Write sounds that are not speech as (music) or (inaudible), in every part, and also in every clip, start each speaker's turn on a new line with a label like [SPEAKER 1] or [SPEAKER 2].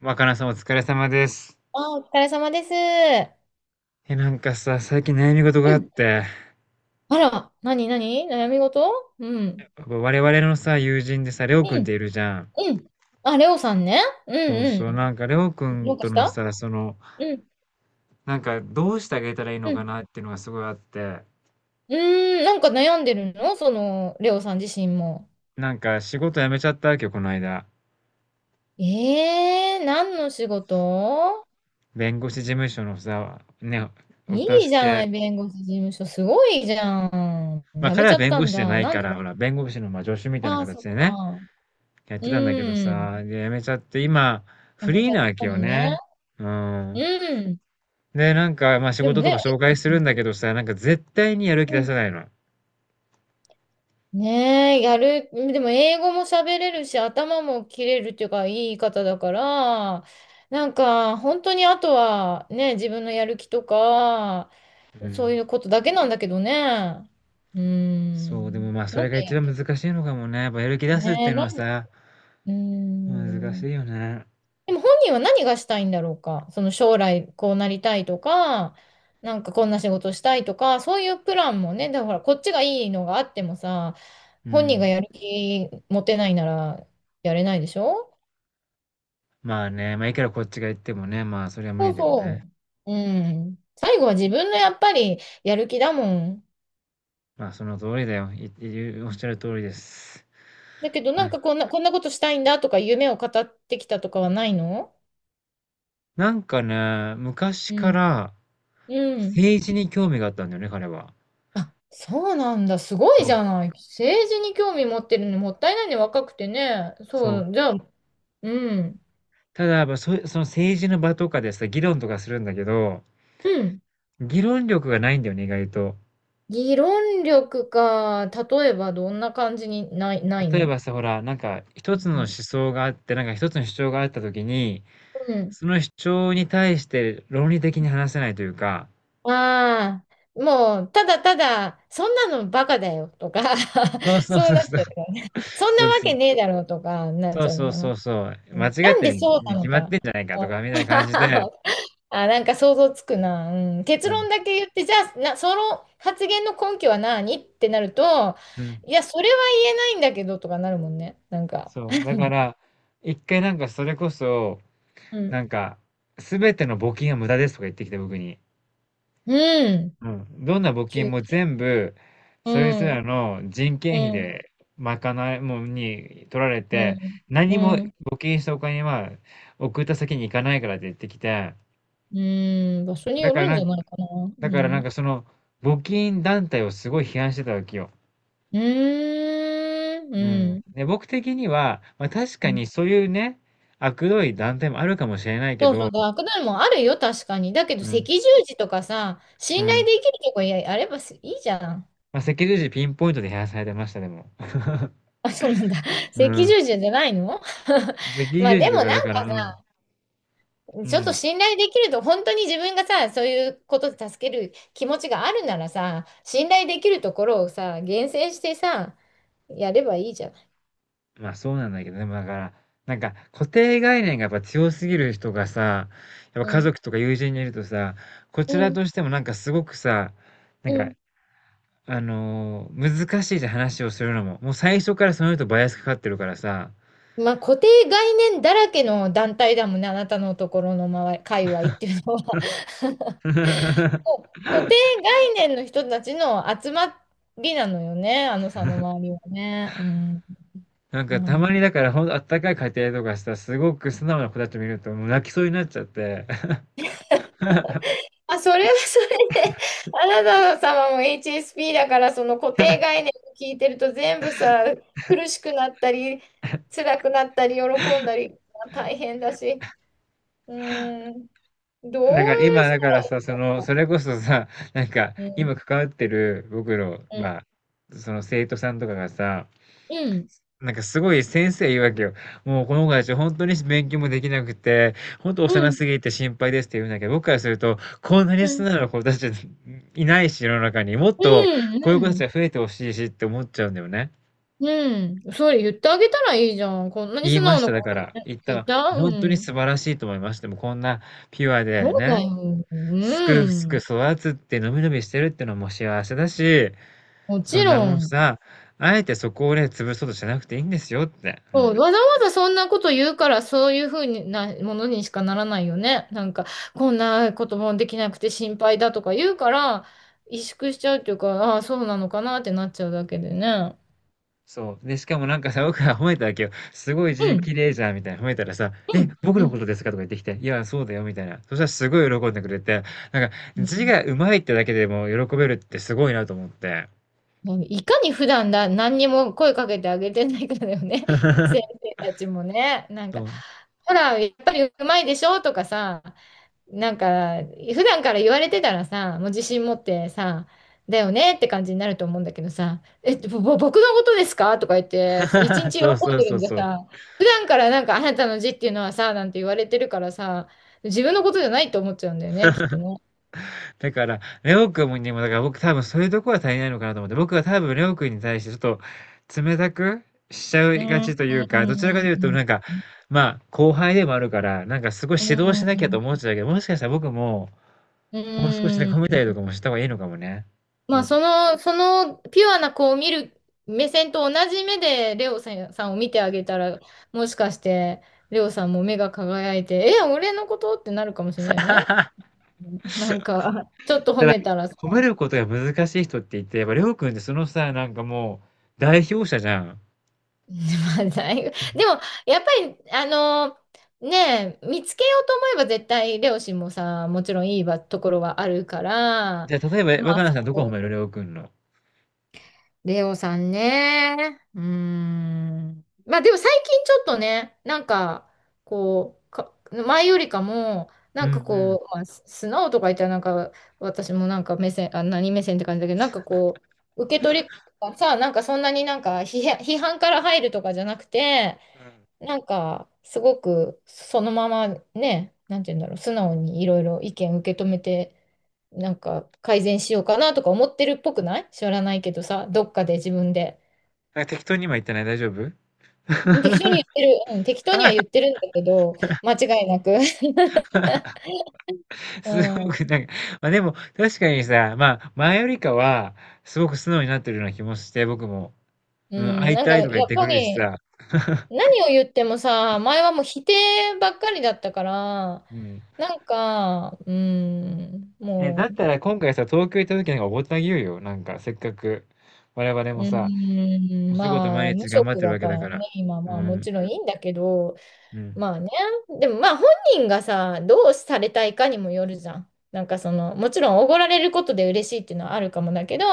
[SPEAKER 1] 若菜さんお疲れ様です。
[SPEAKER 2] あ、お疲れ様です。
[SPEAKER 1] なんかさ、最近悩み事が
[SPEAKER 2] う
[SPEAKER 1] あっ
[SPEAKER 2] ん、
[SPEAKER 1] て、
[SPEAKER 2] あら、なになに悩み事。うん。
[SPEAKER 1] 我々のさ、友人でさ、レオ
[SPEAKER 2] う
[SPEAKER 1] くんっ
[SPEAKER 2] ん、
[SPEAKER 1] ているじゃん。
[SPEAKER 2] うん。あ、レオさんね。うん。
[SPEAKER 1] そうそう、
[SPEAKER 2] う
[SPEAKER 1] なんかレオく
[SPEAKER 2] ん。ど
[SPEAKER 1] ん
[SPEAKER 2] うか
[SPEAKER 1] と
[SPEAKER 2] し
[SPEAKER 1] の
[SPEAKER 2] た？
[SPEAKER 1] さ、その、
[SPEAKER 2] うん、
[SPEAKER 1] なんかどうしてあげたらいいの
[SPEAKER 2] う
[SPEAKER 1] か
[SPEAKER 2] ん。
[SPEAKER 1] なっていうのがすごいあって、
[SPEAKER 2] うーん、なんか悩んでるの、その、レオさん自身も。
[SPEAKER 1] なんか仕事辞めちゃったわけよ、この間。
[SPEAKER 2] えー、何の仕事？
[SPEAKER 1] 弁護士事務所のさ、ね、お助
[SPEAKER 2] いいじゃな
[SPEAKER 1] け。
[SPEAKER 2] い、弁護士事務所。すごいじゃん。
[SPEAKER 1] まあ
[SPEAKER 2] 辞め
[SPEAKER 1] 彼
[SPEAKER 2] ち
[SPEAKER 1] は
[SPEAKER 2] ゃっ
[SPEAKER 1] 弁
[SPEAKER 2] た
[SPEAKER 1] 護
[SPEAKER 2] ん
[SPEAKER 1] 士じゃ
[SPEAKER 2] だ。
[SPEAKER 1] ない
[SPEAKER 2] なん
[SPEAKER 1] か
[SPEAKER 2] で？
[SPEAKER 1] ら、ほら、弁護士のまあ助手みたいな
[SPEAKER 2] ああー、そ
[SPEAKER 1] 形
[SPEAKER 2] っ
[SPEAKER 1] でね、
[SPEAKER 2] か。
[SPEAKER 1] やっ
[SPEAKER 2] う
[SPEAKER 1] てたんだけど
[SPEAKER 2] ん。
[SPEAKER 1] さ、で、辞めちゃって、今、
[SPEAKER 2] 辞
[SPEAKER 1] フ
[SPEAKER 2] めち
[SPEAKER 1] リー
[SPEAKER 2] ゃっ
[SPEAKER 1] なわけ
[SPEAKER 2] たも
[SPEAKER 1] よ
[SPEAKER 2] んね。
[SPEAKER 1] ね。う
[SPEAKER 2] う
[SPEAKER 1] ん。
[SPEAKER 2] ん。
[SPEAKER 1] で、なんか、まあ、仕
[SPEAKER 2] でも
[SPEAKER 1] 事と
[SPEAKER 2] ね、
[SPEAKER 1] か紹介するんだけどさ、なんか絶対にやる気
[SPEAKER 2] う
[SPEAKER 1] 出
[SPEAKER 2] ん、
[SPEAKER 1] さないの。
[SPEAKER 2] ねえ、でも英語も喋れるし、頭も切れるっていうか、いい方だから、なんか、本当にあとは、ね、自分のやる気とか、
[SPEAKER 1] う
[SPEAKER 2] そ
[SPEAKER 1] ん。
[SPEAKER 2] ういうことだけなんだけどね。うー
[SPEAKER 1] そう、でも
[SPEAKER 2] ん。
[SPEAKER 1] まあ、そ
[SPEAKER 2] なん
[SPEAKER 1] れ
[SPEAKER 2] で、
[SPEAKER 1] が一番難しいのかもね。やっぱやる気出
[SPEAKER 2] ね
[SPEAKER 1] すって
[SPEAKER 2] え、
[SPEAKER 1] いうのは
[SPEAKER 2] う
[SPEAKER 1] さ、
[SPEAKER 2] ー
[SPEAKER 1] 難
[SPEAKER 2] ん。
[SPEAKER 1] しいよね。
[SPEAKER 2] でも本人は何がしたいんだろうか。その将来こうなりたいとか、なんかこんな仕事したいとか、そういうプランもね、だからほらこっちがいいのがあってもさ、
[SPEAKER 1] う
[SPEAKER 2] 本人が
[SPEAKER 1] ん。
[SPEAKER 2] やる気持てないならやれないでしょ。
[SPEAKER 1] まあね、まあ、いくらこっちが言ってもね、まあ、それは無
[SPEAKER 2] そ
[SPEAKER 1] 理
[SPEAKER 2] う
[SPEAKER 1] だよね。
[SPEAKER 2] そう。うん。最後は自分のやっぱりやる気だもん。
[SPEAKER 1] まあ、その通りだよ。おっしゃる通りです。
[SPEAKER 2] だけどな
[SPEAKER 1] は
[SPEAKER 2] ん
[SPEAKER 1] い。
[SPEAKER 2] かこんな、こんなことしたいんだとか夢を語ってきたとかはないの？
[SPEAKER 1] なんかね、昔
[SPEAKER 2] う
[SPEAKER 1] か
[SPEAKER 2] ん。
[SPEAKER 1] ら
[SPEAKER 2] うん。
[SPEAKER 1] 政治に興味があったんだよね、彼は。
[SPEAKER 2] あ、そうなんだ。すごい
[SPEAKER 1] そ
[SPEAKER 2] じ
[SPEAKER 1] う、
[SPEAKER 2] ゃない。政治に興味持ってるのにもったいないね。若くてね。そ
[SPEAKER 1] そう。
[SPEAKER 2] う、じゃあ、うん。
[SPEAKER 1] ただ、やっぱの政治の場とかでさ、議論とかするんだけど、
[SPEAKER 2] うん。
[SPEAKER 1] 議論力がないんだよね、意外と。
[SPEAKER 2] 議論力か。例えばどんな感じにない
[SPEAKER 1] 例え
[SPEAKER 2] の？
[SPEAKER 1] ばさ、ほら、なんか一
[SPEAKER 2] う
[SPEAKER 1] つの思
[SPEAKER 2] ん。
[SPEAKER 1] 想があって、なんか一つの主張があった時に、
[SPEAKER 2] うん。
[SPEAKER 1] その主張に対して論理的に話せないというか、
[SPEAKER 2] ああ、もう、ただただ、そんなのバカだよとか、
[SPEAKER 1] そう
[SPEAKER 2] (laughs)
[SPEAKER 1] そう
[SPEAKER 2] そう
[SPEAKER 1] そう
[SPEAKER 2] なっ
[SPEAKER 1] そう。
[SPEAKER 2] ちゃうからね。そんな
[SPEAKER 1] そう
[SPEAKER 2] わ
[SPEAKER 1] そう。
[SPEAKER 2] けねえだろうとか、なっ
[SPEAKER 1] そ
[SPEAKER 2] ち
[SPEAKER 1] う
[SPEAKER 2] ゃう
[SPEAKER 1] そう
[SPEAKER 2] のか
[SPEAKER 1] そ
[SPEAKER 2] な。
[SPEAKER 1] うそう。
[SPEAKER 2] う
[SPEAKER 1] 間
[SPEAKER 2] ん、
[SPEAKER 1] 違
[SPEAKER 2] な
[SPEAKER 1] っ
[SPEAKER 2] ん
[SPEAKER 1] て
[SPEAKER 2] で
[SPEAKER 1] る
[SPEAKER 2] そう
[SPEAKER 1] に
[SPEAKER 2] な
[SPEAKER 1] 決
[SPEAKER 2] の
[SPEAKER 1] まって
[SPEAKER 2] か。
[SPEAKER 1] んじゃないかと
[SPEAKER 2] あ
[SPEAKER 1] か、みたいな感じで。
[SPEAKER 2] (laughs) あ、なんか想像つくな。うん、結
[SPEAKER 1] そう。
[SPEAKER 2] 論だけ言って、じゃあ、その発言の根拠は何ってなると、
[SPEAKER 1] うん。
[SPEAKER 2] いや、それは言えないんだけどとかなるもんね。なんか、
[SPEAKER 1] そう。だから、一回なんかそれこそ、
[SPEAKER 2] うん。
[SPEAKER 1] なんか、すべての募金は無駄ですとか言ってきて、僕に。
[SPEAKER 2] うん。
[SPEAKER 1] うん。どんな募
[SPEAKER 2] 急
[SPEAKER 1] 金
[SPEAKER 2] に。
[SPEAKER 1] も全部、
[SPEAKER 2] う
[SPEAKER 1] そいつ
[SPEAKER 2] ん。
[SPEAKER 1] らの人件費
[SPEAKER 2] うん。
[SPEAKER 1] で賄いもに取られ
[SPEAKER 2] う
[SPEAKER 1] て、
[SPEAKER 2] ん。
[SPEAKER 1] 何も
[SPEAKER 2] うん。
[SPEAKER 1] 募金したお金は送った先に行かないからって言ってきて、
[SPEAKER 2] うん。場所に
[SPEAKER 1] だ
[SPEAKER 2] よ
[SPEAKER 1] から
[SPEAKER 2] るん
[SPEAKER 1] な
[SPEAKER 2] じゃ
[SPEAKER 1] ん、
[SPEAKER 2] ないかな。
[SPEAKER 1] だ
[SPEAKER 2] う
[SPEAKER 1] からなん
[SPEAKER 2] ん。
[SPEAKER 1] かその募金団体をすごい批判してたわけよ。
[SPEAKER 2] うーん。
[SPEAKER 1] うん。
[SPEAKER 2] う
[SPEAKER 1] で、僕的には、まあ確か
[SPEAKER 2] ん。
[SPEAKER 1] にそういうね、悪どい団体もあるかもしれないけ
[SPEAKER 2] そうそ
[SPEAKER 1] ど、
[SPEAKER 2] う。ダークダウンもあるよ、確かに。だけど、
[SPEAKER 1] う
[SPEAKER 2] 赤
[SPEAKER 1] ん。
[SPEAKER 2] 十字とかさ、
[SPEAKER 1] う
[SPEAKER 2] 信頼
[SPEAKER 1] ん。
[SPEAKER 2] できるとこやあればいいじゃん。
[SPEAKER 1] まあ赤十字ピンポイントで批判されてました、でも。(laughs)
[SPEAKER 2] あ、そうなんだ。(laughs)
[SPEAKER 1] う
[SPEAKER 2] 赤
[SPEAKER 1] ん。
[SPEAKER 2] 十字じゃないの？
[SPEAKER 1] (laughs) 赤
[SPEAKER 2] (laughs) まあ
[SPEAKER 1] 十字
[SPEAKER 2] でも
[SPEAKER 1] と
[SPEAKER 2] な
[SPEAKER 1] かだ
[SPEAKER 2] ん
[SPEAKER 1] から、
[SPEAKER 2] か
[SPEAKER 1] うん。
[SPEAKER 2] さ、
[SPEAKER 1] う
[SPEAKER 2] ちょっと
[SPEAKER 1] ん。
[SPEAKER 2] 信頼できると、本当に自分がさ、そういうことで助ける気持ちがあるならさ、信頼できるところをさ、厳選してさ、やればいいじゃん。
[SPEAKER 1] まあそうなんだけど、でもだから、なんか固定概念がやっぱ強すぎる人がさ、やっぱ
[SPEAKER 2] う
[SPEAKER 1] 家
[SPEAKER 2] ん、
[SPEAKER 1] 族とか友人にいるとさ、こち
[SPEAKER 2] う
[SPEAKER 1] ら
[SPEAKER 2] ん、
[SPEAKER 1] としてもなんかすごくさ、な
[SPEAKER 2] う
[SPEAKER 1] んか、
[SPEAKER 2] ん。
[SPEAKER 1] 難しいじゃん話をするのも。もう最初からその人バイアスかかってるからさ。
[SPEAKER 2] まあ固定概念だらけの団体だもんね、あなたのところの周り、界隈っていうのは。(laughs) も
[SPEAKER 1] (laughs)
[SPEAKER 2] う固定概念の人たちの集まりなのよね、あのさんの周りはね。うん。
[SPEAKER 1] なんか
[SPEAKER 2] ま
[SPEAKER 1] たまに
[SPEAKER 2] あ、
[SPEAKER 1] だからほんとあったかい家庭とかさ、すごく素直な子たち見るともう泣きそうになっちゃって。(laughs)
[SPEAKER 2] あ、それはそれで、あなた様も HSP だから、その固定概念を聞いてると全部さ、苦しくなったり、辛くなったり、喜んだり、大変だし。うーん、ど
[SPEAKER 1] だ
[SPEAKER 2] う
[SPEAKER 1] から今
[SPEAKER 2] し
[SPEAKER 1] だからさ、そ
[SPEAKER 2] た
[SPEAKER 1] の、それこそさ、なんか
[SPEAKER 2] らいいの。うん、
[SPEAKER 1] 今関わってる僕の、ま
[SPEAKER 2] う
[SPEAKER 1] あ、その生徒さんとかがさ、
[SPEAKER 2] ん、
[SPEAKER 1] なんかすごい先生言うわけよ。もうこの子たち本当に勉強もできなくて、本当
[SPEAKER 2] うん、う
[SPEAKER 1] 幼
[SPEAKER 2] ん、
[SPEAKER 1] すぎて心配ですって言うんだけど、僕からすると、こんなに
[SPEAKER 2] う
[SPEAKER 1] 素
[SPEAKER 2] ん、
[SPEAKER 1] 直な子たちいないし、世の中にもっと
[SPEAKER 2] う
[SPEAKER 1] こういう子たちが
[SPEAKER 2] ん、
[SPEAKER 1] 増えてほしいしって思っちゃうんだよね。
[SPEAKER 2] うん、それ言ってあげたらいいじゃん。こんなに
[SPEAKER 1] 言い
[SPEAKER 2] 素
[SPEAKER 1] ま
[SPEAKER 2] 直
[SPEAKER 1] し
[SPEAKER 2] な
[SPEAKER 1] た、だ
[SPEAKER 2] 子
[SPEAKER 1] から。言った
[SPEAKER 2] い
[SPEAKER 1] ら、
[SPEAKER 2] た。う
[SPEAKER 1] 本当に
[SPEAKER 2] ん。
[SPEAKER 1] 素晴らしいと思いました。でもこんなピュア
[SPEAKER 2] そ
[SPEAKER 1] で
[SPEAKER 2] う
[SPEAKER 1] ね、
[SPEAKER 2] だよ。
[SPEAKER 1] すくす
[SPEAKER 2] う
[SPEAKER 1] く
[SPEAKER 2] ん。
[SPEAKER 1] 育つって、のびのびしてるってのも幸せだし、
[SPEAKER 2] も
[SPEAKER 1] そ
[SPEAKER 2] ち
[SPEAKER 1] んな
[SPEAKER 2] ろ
[SPEAKER 1] もん
[SPEAKER 2] ん。
[SPEAKER 1] さ、あえてそこをね、潰そうとしなくていいんですよって。う
[SPEAKER 2] そう、
[SPEAKER 1] ん。
[SPEAKER 2] わざわざそんなこと言うから、そういうふうなものにしかならないよね。なんか、こんなこともできなくて心配だとか言うから、萎縮しちゃうっていうか、ああ、そうなのかなってなっちゃうだけでね。
[SPEAKER 1] そう。で、しかもなんかさ、僕が褒めたわけよ。すごい
[SPEAKER 2] う
[SPEAKER 1] 字
[SPEAKER 2] ん、
[SPEAKER 1] 綺麗じゃんみたいな褒めたらさ、
[SPEAKER 2] う
[SPEAKER 1] え、
[SPEAKER 2] ん、
[SPEAKER 1] 僕
[SPEAKER 2] う
[SPEAKER 1] の
[SPEAKER 2] ん。
[SPEAKER 1] ことですかとか言ってきて、いや、そうだよみたいな。そしたらすごい喜んでくれて、なんか
[SPEAKER 2] う
[SPEAKER 1] 字
[SPEAKER 2] ん、
[SPEAKER 1] が上手いってだけでも喜べるってすごいなと思って。
[SPEAKER 2] いかに普段だ、何にも声かけてあげてないかだよね。(laughs) 先生たちもね。なんか、
[SPEAKER 1] そう。
[SPEAKER 2] ほら、やっぱりうまいでしょとかさ、なんか、普段から言われてたらさ、もう自信持ってさ、だよねって感じになると思うんだけどさ、え、ぼ、ぼ僕のことですかとか言って、そう一
[SPEAKER 1] (laughs)
[SPEAKER 2] 日喜ん
[SPEAKER 1] そうそう
[SPEAKER 2] でる
[SPEAKER 1] そう
[SPEAKER 2] んじゃ
[SPEAKER 1] そう。
[SPEAKER 2] さ、普段からなんかあなたの字っていうのはさ、なんて言われてるからさ、自分のことじゃないと思っちゃうんだよね、きっとね。
[SPEAKER 1] だから、レオ君にも、だから僕多分そういうとこは足りないのかなと思って、僕は多分レオ君に対してちょっと冷たくしちゃ
[SPEAKER 2] う
[SPEAKER 1] いが
[SPEAKER 2] ん。
[SPEAKER 1] ちというか、どちらかというと
[SPEAKER 2] うん。
[SPEAKER 1] なんか、まあ後輩でもあるから、なんかすごい指導し
[SPEAKER 2] う
[SPEAKER 1] なきゃと
[SPEAKER 2] ん。
[SPEAKER 1] 思っちゃうけど、もしかしたら僕も、
[SPEAKER 2] う
[SPEAKER 1] もう少しね
[SPEAKER 2] ー
[SPEAKER 1] 褒めた
[SPEAKER 2] ん。
[SPEAKER 1] りとかもした方がいいのかもね。
[SPEAKER 2] ま
[SPEAKER 1] う
[SPEAKER 2] あ、
[SPEAKER 1] ん。
[SPEAKER 2] そのピュアな子を見る目線と同じ目で、レオさんさんを見てあげたら、もしかして、レオさんも目が輝いて、え、俺のことってなるかもしれないよね。
[SPEAKER 1] (laughs)
[SPEAKER 2] なんか、ちょっと褒
[SPEAKER 1] ただ、
[SPEAKER 2] めたらさ。
[SPEAKER 1] 褒め
[SPEAKER 2] (laughs)
[SPEAKER 1] ることが難しい人っていて、やっぱりりょうくんってそのさ、なんかもう代表者じゃん。
[SPEAKER 2] まあ、だいぶでも、やっぱり、ねえ、見つけようと思えば絶対、レオ氏もさ、もちろんいいわところはあるから、
[SPEAKER 1] じゃあ例え
[SPEAKER 2] ま
[SPEAKER 1] ば若
[SPEAKER 2] あ、
[SPEAKER 1] 菜
[SPEAKER 2] そ
[SPEAKER 1] さんどこ褒
[SPEAKER 2] こ
[SPEAKER 1] める？りょうくんの。
[SPEAKER 2] レオさんね。うーん。まあでも最近ちょっとね、なんか、こう、か、前よりかも、
[SPEAKER 1] う
[SPEAKER 2] なん
[SPEAKER 1] ん
[SPEAKER 2] か
[SPEAKER 1] うん。
[SPEAKER 2] こう、まあ、素直とか言ったらなんか、私もなんか目線、あ、何目線って感じだけど、なんかこう、受け取りがさ、なんかそんなになんか批判から入るとかじゃなくて、
[SPEAKER 1] うん。
[SPEAKER 2] なんか、すごくそのままね、なんて言うんだろう、素直にいろいろ意見受け止めて、なんか改善しようかなとか思ってるっぽくない知らないけどさ、どっかで自分で。
[SPEAKER 1] なんか適当に今言ったね、大丈夫 (laughs)？
[SPEAKER 2] うん、適当に言ってる、うん、適当には言ってるんだけど、間違いなく。(laughs) う
[SPEAKER 1] すごく
[SPEAKER 2] ん、
[SPEAKER 1] なんか、ま、でも確かにさ、まあ、前よりかはすごく素直になってるような気もして、僕も。
[SPEAKER 2] う
[SPEAKER 1] うん、
[SPEAKER 2] ん、
[SPEAKER 1] 会い
[SPEAKER 2] なんか
[SPEAKER 1] たいとか言
[SPEAKER 2] や
[SPEAKER 1] っ
[SPEAKER 2] っ
[SPEAKER 1] てく
[SPEAKER 2] ぱ
[SPEAKER 1] るし
[SPEAKER 2] り
[SPEAKER 1] さ。(laughs)
[SPEAKER 2] 何を言ってもさ、前はもう否定ばっかりだったから、
[SPEAKER 1] うん。
[SPEAKER 2] なんか、うん、
[SPEAKER 1] え、だ
[SPEAKER 2] も
[SPEAKER 1] ったら今回さ、東京行った時なんかおごってあげようよ、なんかせっかく。我々も
[SPEAKER 2] う、う
[SPEAKER 1] さお
[SPEAKER 2] ん、
[SPEAKER 1] 仕事
[SPEAKER 2] ま
[SPEAKER 1] 毎
[SPEAKER 2] あ、無
[SPEAKER 1] 日頑張っ
[SPEAKER 2] 職
[SPEAKER 1] てる
[SPEAKER 2] だ
[SPEAKER 1] わけ
[SPEAKER 2] か
[SPEAKER 1] だ
[SPEAKER 2] ら
[SPEAKER 1] から。
[SPEAKER 2] ね、今、
[SPEAKER 1] う
[SPEAKER 2] まあも
[SPEAKER 1] ん、
[SPEAKER 2] ちろんいいんだけど、
[SPEAKER 1] うん、
[SPEAKER 2] まあね。でもまあ本人がさ、どうされたいかにもよるじゃん。なんかその、もちろんおごられることで嬉しいっていうのはあるかもだけど、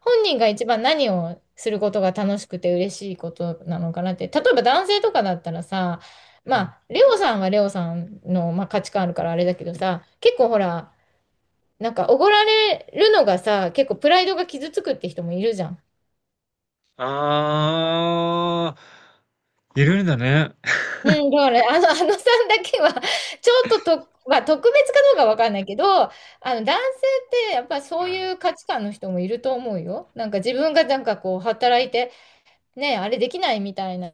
[SPEAKER 2] 本人が一番何をすることが楽しくて嬉しいことなのかなって。例えば男性とかだったらさ、
[SPEAKER 1] う
[SPEAKER 2] ま
[SPEAKER 1] ん。
[SPEAKER 2] あ、レオさんはレオさんの、まあ、価値観あるからあれだけどさ、結構ほら、なんかおごられるのがさ、結構プライドが傷つくって人もいるじゃん。
[SPEAKER 1] ああ、いるんだね。
[SPEAKER 2] うん、だから、あのさんだけは、ちょっと、まあ、特別かどうかわかんないけど、あの、男性ってやっぱ
[SPEAKER 1] う
[SPEAKER 2] そう
[SPEAKER 1] ん。
[SPEAKER 2] いう価値観の人もいると思うよ。なんか自分がなんかこう、働いて、ね、あれできないみたいな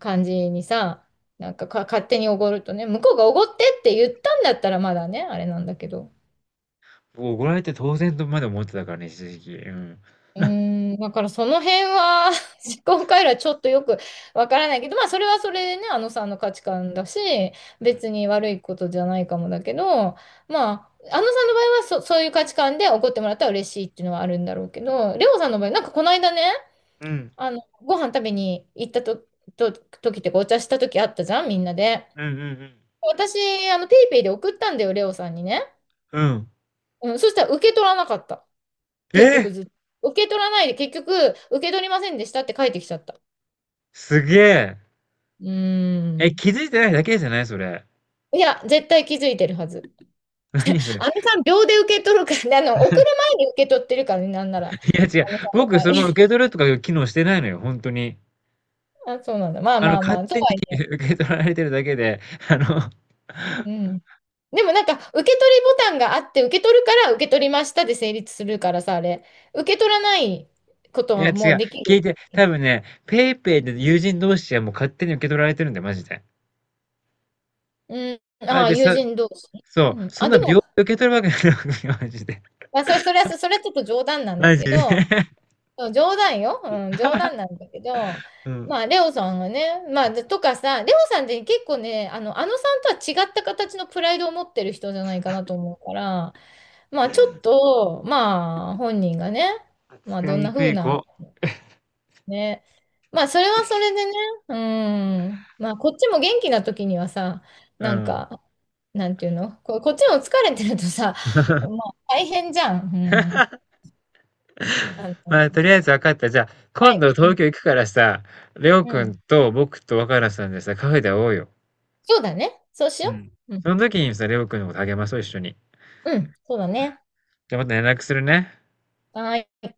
[SPEAKER 2] 感じにさ、勝手におごるとね、向こうがおごってって言ったんだったらまだね、あれなんだけど。
[SPEAKER 1] 僕怒られて当然とまで思ってたからね、一時期。うん。
[SPEAKER 2] うーん、だからその辺は (laughs) 思考回路はちょっとよくわからないけど、まあそれはそれでね、あのさんの価値観だし、別に悪いことじゃないかもだけど、まあ、あのさんの場合はそういう価値観で怒ってもらったら嬉しいっていうのはあるんだろうけど、レオさんの場合、なんかこの間ね、
[SPEAKER 1] うん。
[SPEAKER 2] あの、ご飯食べに行ったと、と、時っていうかお茶した時あったじゃん、みんなで。
[SPEAKER 1] うんうんうん。
[SPEAKER 2] 私、あの、ペイペイで送ったんだよ、レオさんにね。
[SPEAKER 1] うん。
[SPEAKER 2] うん、そしたら受け取らなかった。結
[SPEAKER 1] え
[SPEAKER 2] 局ずっと。受け取らないで、結局、受け取りませんでしたって書いてきちゃった。
[SPEAKER 1] すげえ。
[SPEAKER 2] うー
[SPEAKER 1] え、
[SPEAKER 2] ん。
[SPEAKER 1] 気づいてないだけじゃないそれ。
[SPEAKER 2] いや、絶対気づいてるはず。
[SPEAKER 1] (laughs) 何それ。
[SPEAKER 2] あのさん、秒で受け取るからね、(laughs) あの、送る前に受け取ってるからね、なんなら。
[SPEAKER 1] いや違う。
[SPEAKER 2] あのさんの
[SPEAKER 1] 僕
[SPEAKER 2] 場
[SPEAKER 1] その受け
[SPEAKER 2] 合。
[SPEAKER 1] 取るとかいう機能してないのよ、本当に。
[SPEAKER 2] (laughs) あ、そうなんだ。まあ
[SPEAKER 1] あの、
[SPEAKER 2] まあま
[SPEAKER 1] 勝
[SPEAKER 2] あ、と
[SPEAKER 1] 手に
[SPEAKER 2] はい
[SPEAKER 1] (laughs)
[SPEAKER 2] え。
[SPEAKER 1] 受け取られてるだけで、あの
[SPEAKER 2] うん。でもなんか、受け取りボタンがあって、受け取るから、受け取りましたで成立するからさ、あれ。受け取らないこと
[SPEAKER 1] いや、違
[SPEAKER 2] はもう
[SPEAKER 1] う。
[SPEAKER 2] でき
[SPEAKER 1] 聞い
[SPEAKER 2] る。
[SPEAKER 1] て、多分ね、ペイペイで友人同士はもう勝手に受け取られてるんだよ、マジで。
[SPEAKER 2] うん。あ
[SPEAKER 1] あ、
[SPEAKER 2] あ、
[SPEAKER 1] で、
[SPEAKER 2] 友
[SPEAKER 1] さ
[SPEAKER 2] 人同士。
[SPEAKER 1] そ
[SPEAKER 2] うん。
[SPEAKER 1] う、そん
[SPEAKER 2] あ、
[SPEAKER 1] な
[SPEAKER 2] で
[SPEAKER 1] 秒
[SPEAKER 2] も、
[SPEAKER 1] で受け取るわけないのよ、(laughs) マジで。
[SPEAKER 2] まあ、それはちょっと冗談なんだ
[SPEAKER 1] マジ
[SPEAKER 2] け
[SPEAKER 1] で。
[SPEAKER 2] ど、
[SPEAKER 1] (laughs)
[SPEAKER 2] そう冗談よ。うん、冗談なんだけど、
[SPEAKER 1] う
[SPEAKER 2] ま
[SPEAKER 1] ん。
[SPEAKER 2] あ、レオさんがね、まあ、とかさ、レオさんって結構ね、あの、あのさんとは違った形のプライドを持ってる人じゃないかなと思うから、まあ、ちょっと、まあ、本人がね、まあ、
[SPEAKER 1] 扱
[SPEAKER 2] ど
[SPEAKER 1] い
[SPEAKER 2] ん
[SPEAKER 1] に
[SPEAKER 2] な
[SPEAKER 1] く
[SPEAKER 2] 風
[SPEAKER 1] い
[SPEAKER 2] な、
[SPEAKER 1] 子。
[SPEAKER 2] ね、まあ、それはそれでね、うん、まあ、こっちも元気な時にはさ、
[SPEAKER 1] う
[SPEAKER 2] なん
[SPEAKER 1] ん。
[SPEAKER 2] か、なんていうの、こ、こっちも疲れてるとさ、ま
[SPEAKER 1] (laughs)
[SPEAKER 2] あ、大変じゃん。うん。あ
[SPEAKER 1] ま
[SPEAKER 2] の、
[SPEAKER 1] あ、とりあえず分かった。じゃあ、
[SPEAKER 2] は
[SPEAKER 1] 今
[SPEAKER 2] い。
[SPEAKER 1] 度
[SPEAKER 2] う
[SPEAKER 1] 東
[SPEAKER 2] ん。
[SPEAKER 1] 京行くからさ、レオ
[SPEAKER 2] う
[SPEAKER 1] くん
[SPEAKER 2] ん、
[SPEAKER 1] と僕と若菜さんでさ、カフェで会おうよ。
[SPEAKER 2] そうだね。そうし
[SPEAKER 1] う
[SPEAKER 2] よ
[SPEAKER 1] ん。
[SPEAKER 2] う。うん。
[SPEAKER 1] その時にさ、レオくんのこと励まそう、一緒に。
[SPEAKER 2] うん。そうだね。
[SPEAKER 1] じゃあまた連絡するね。
[SPEAKER 2] はーい。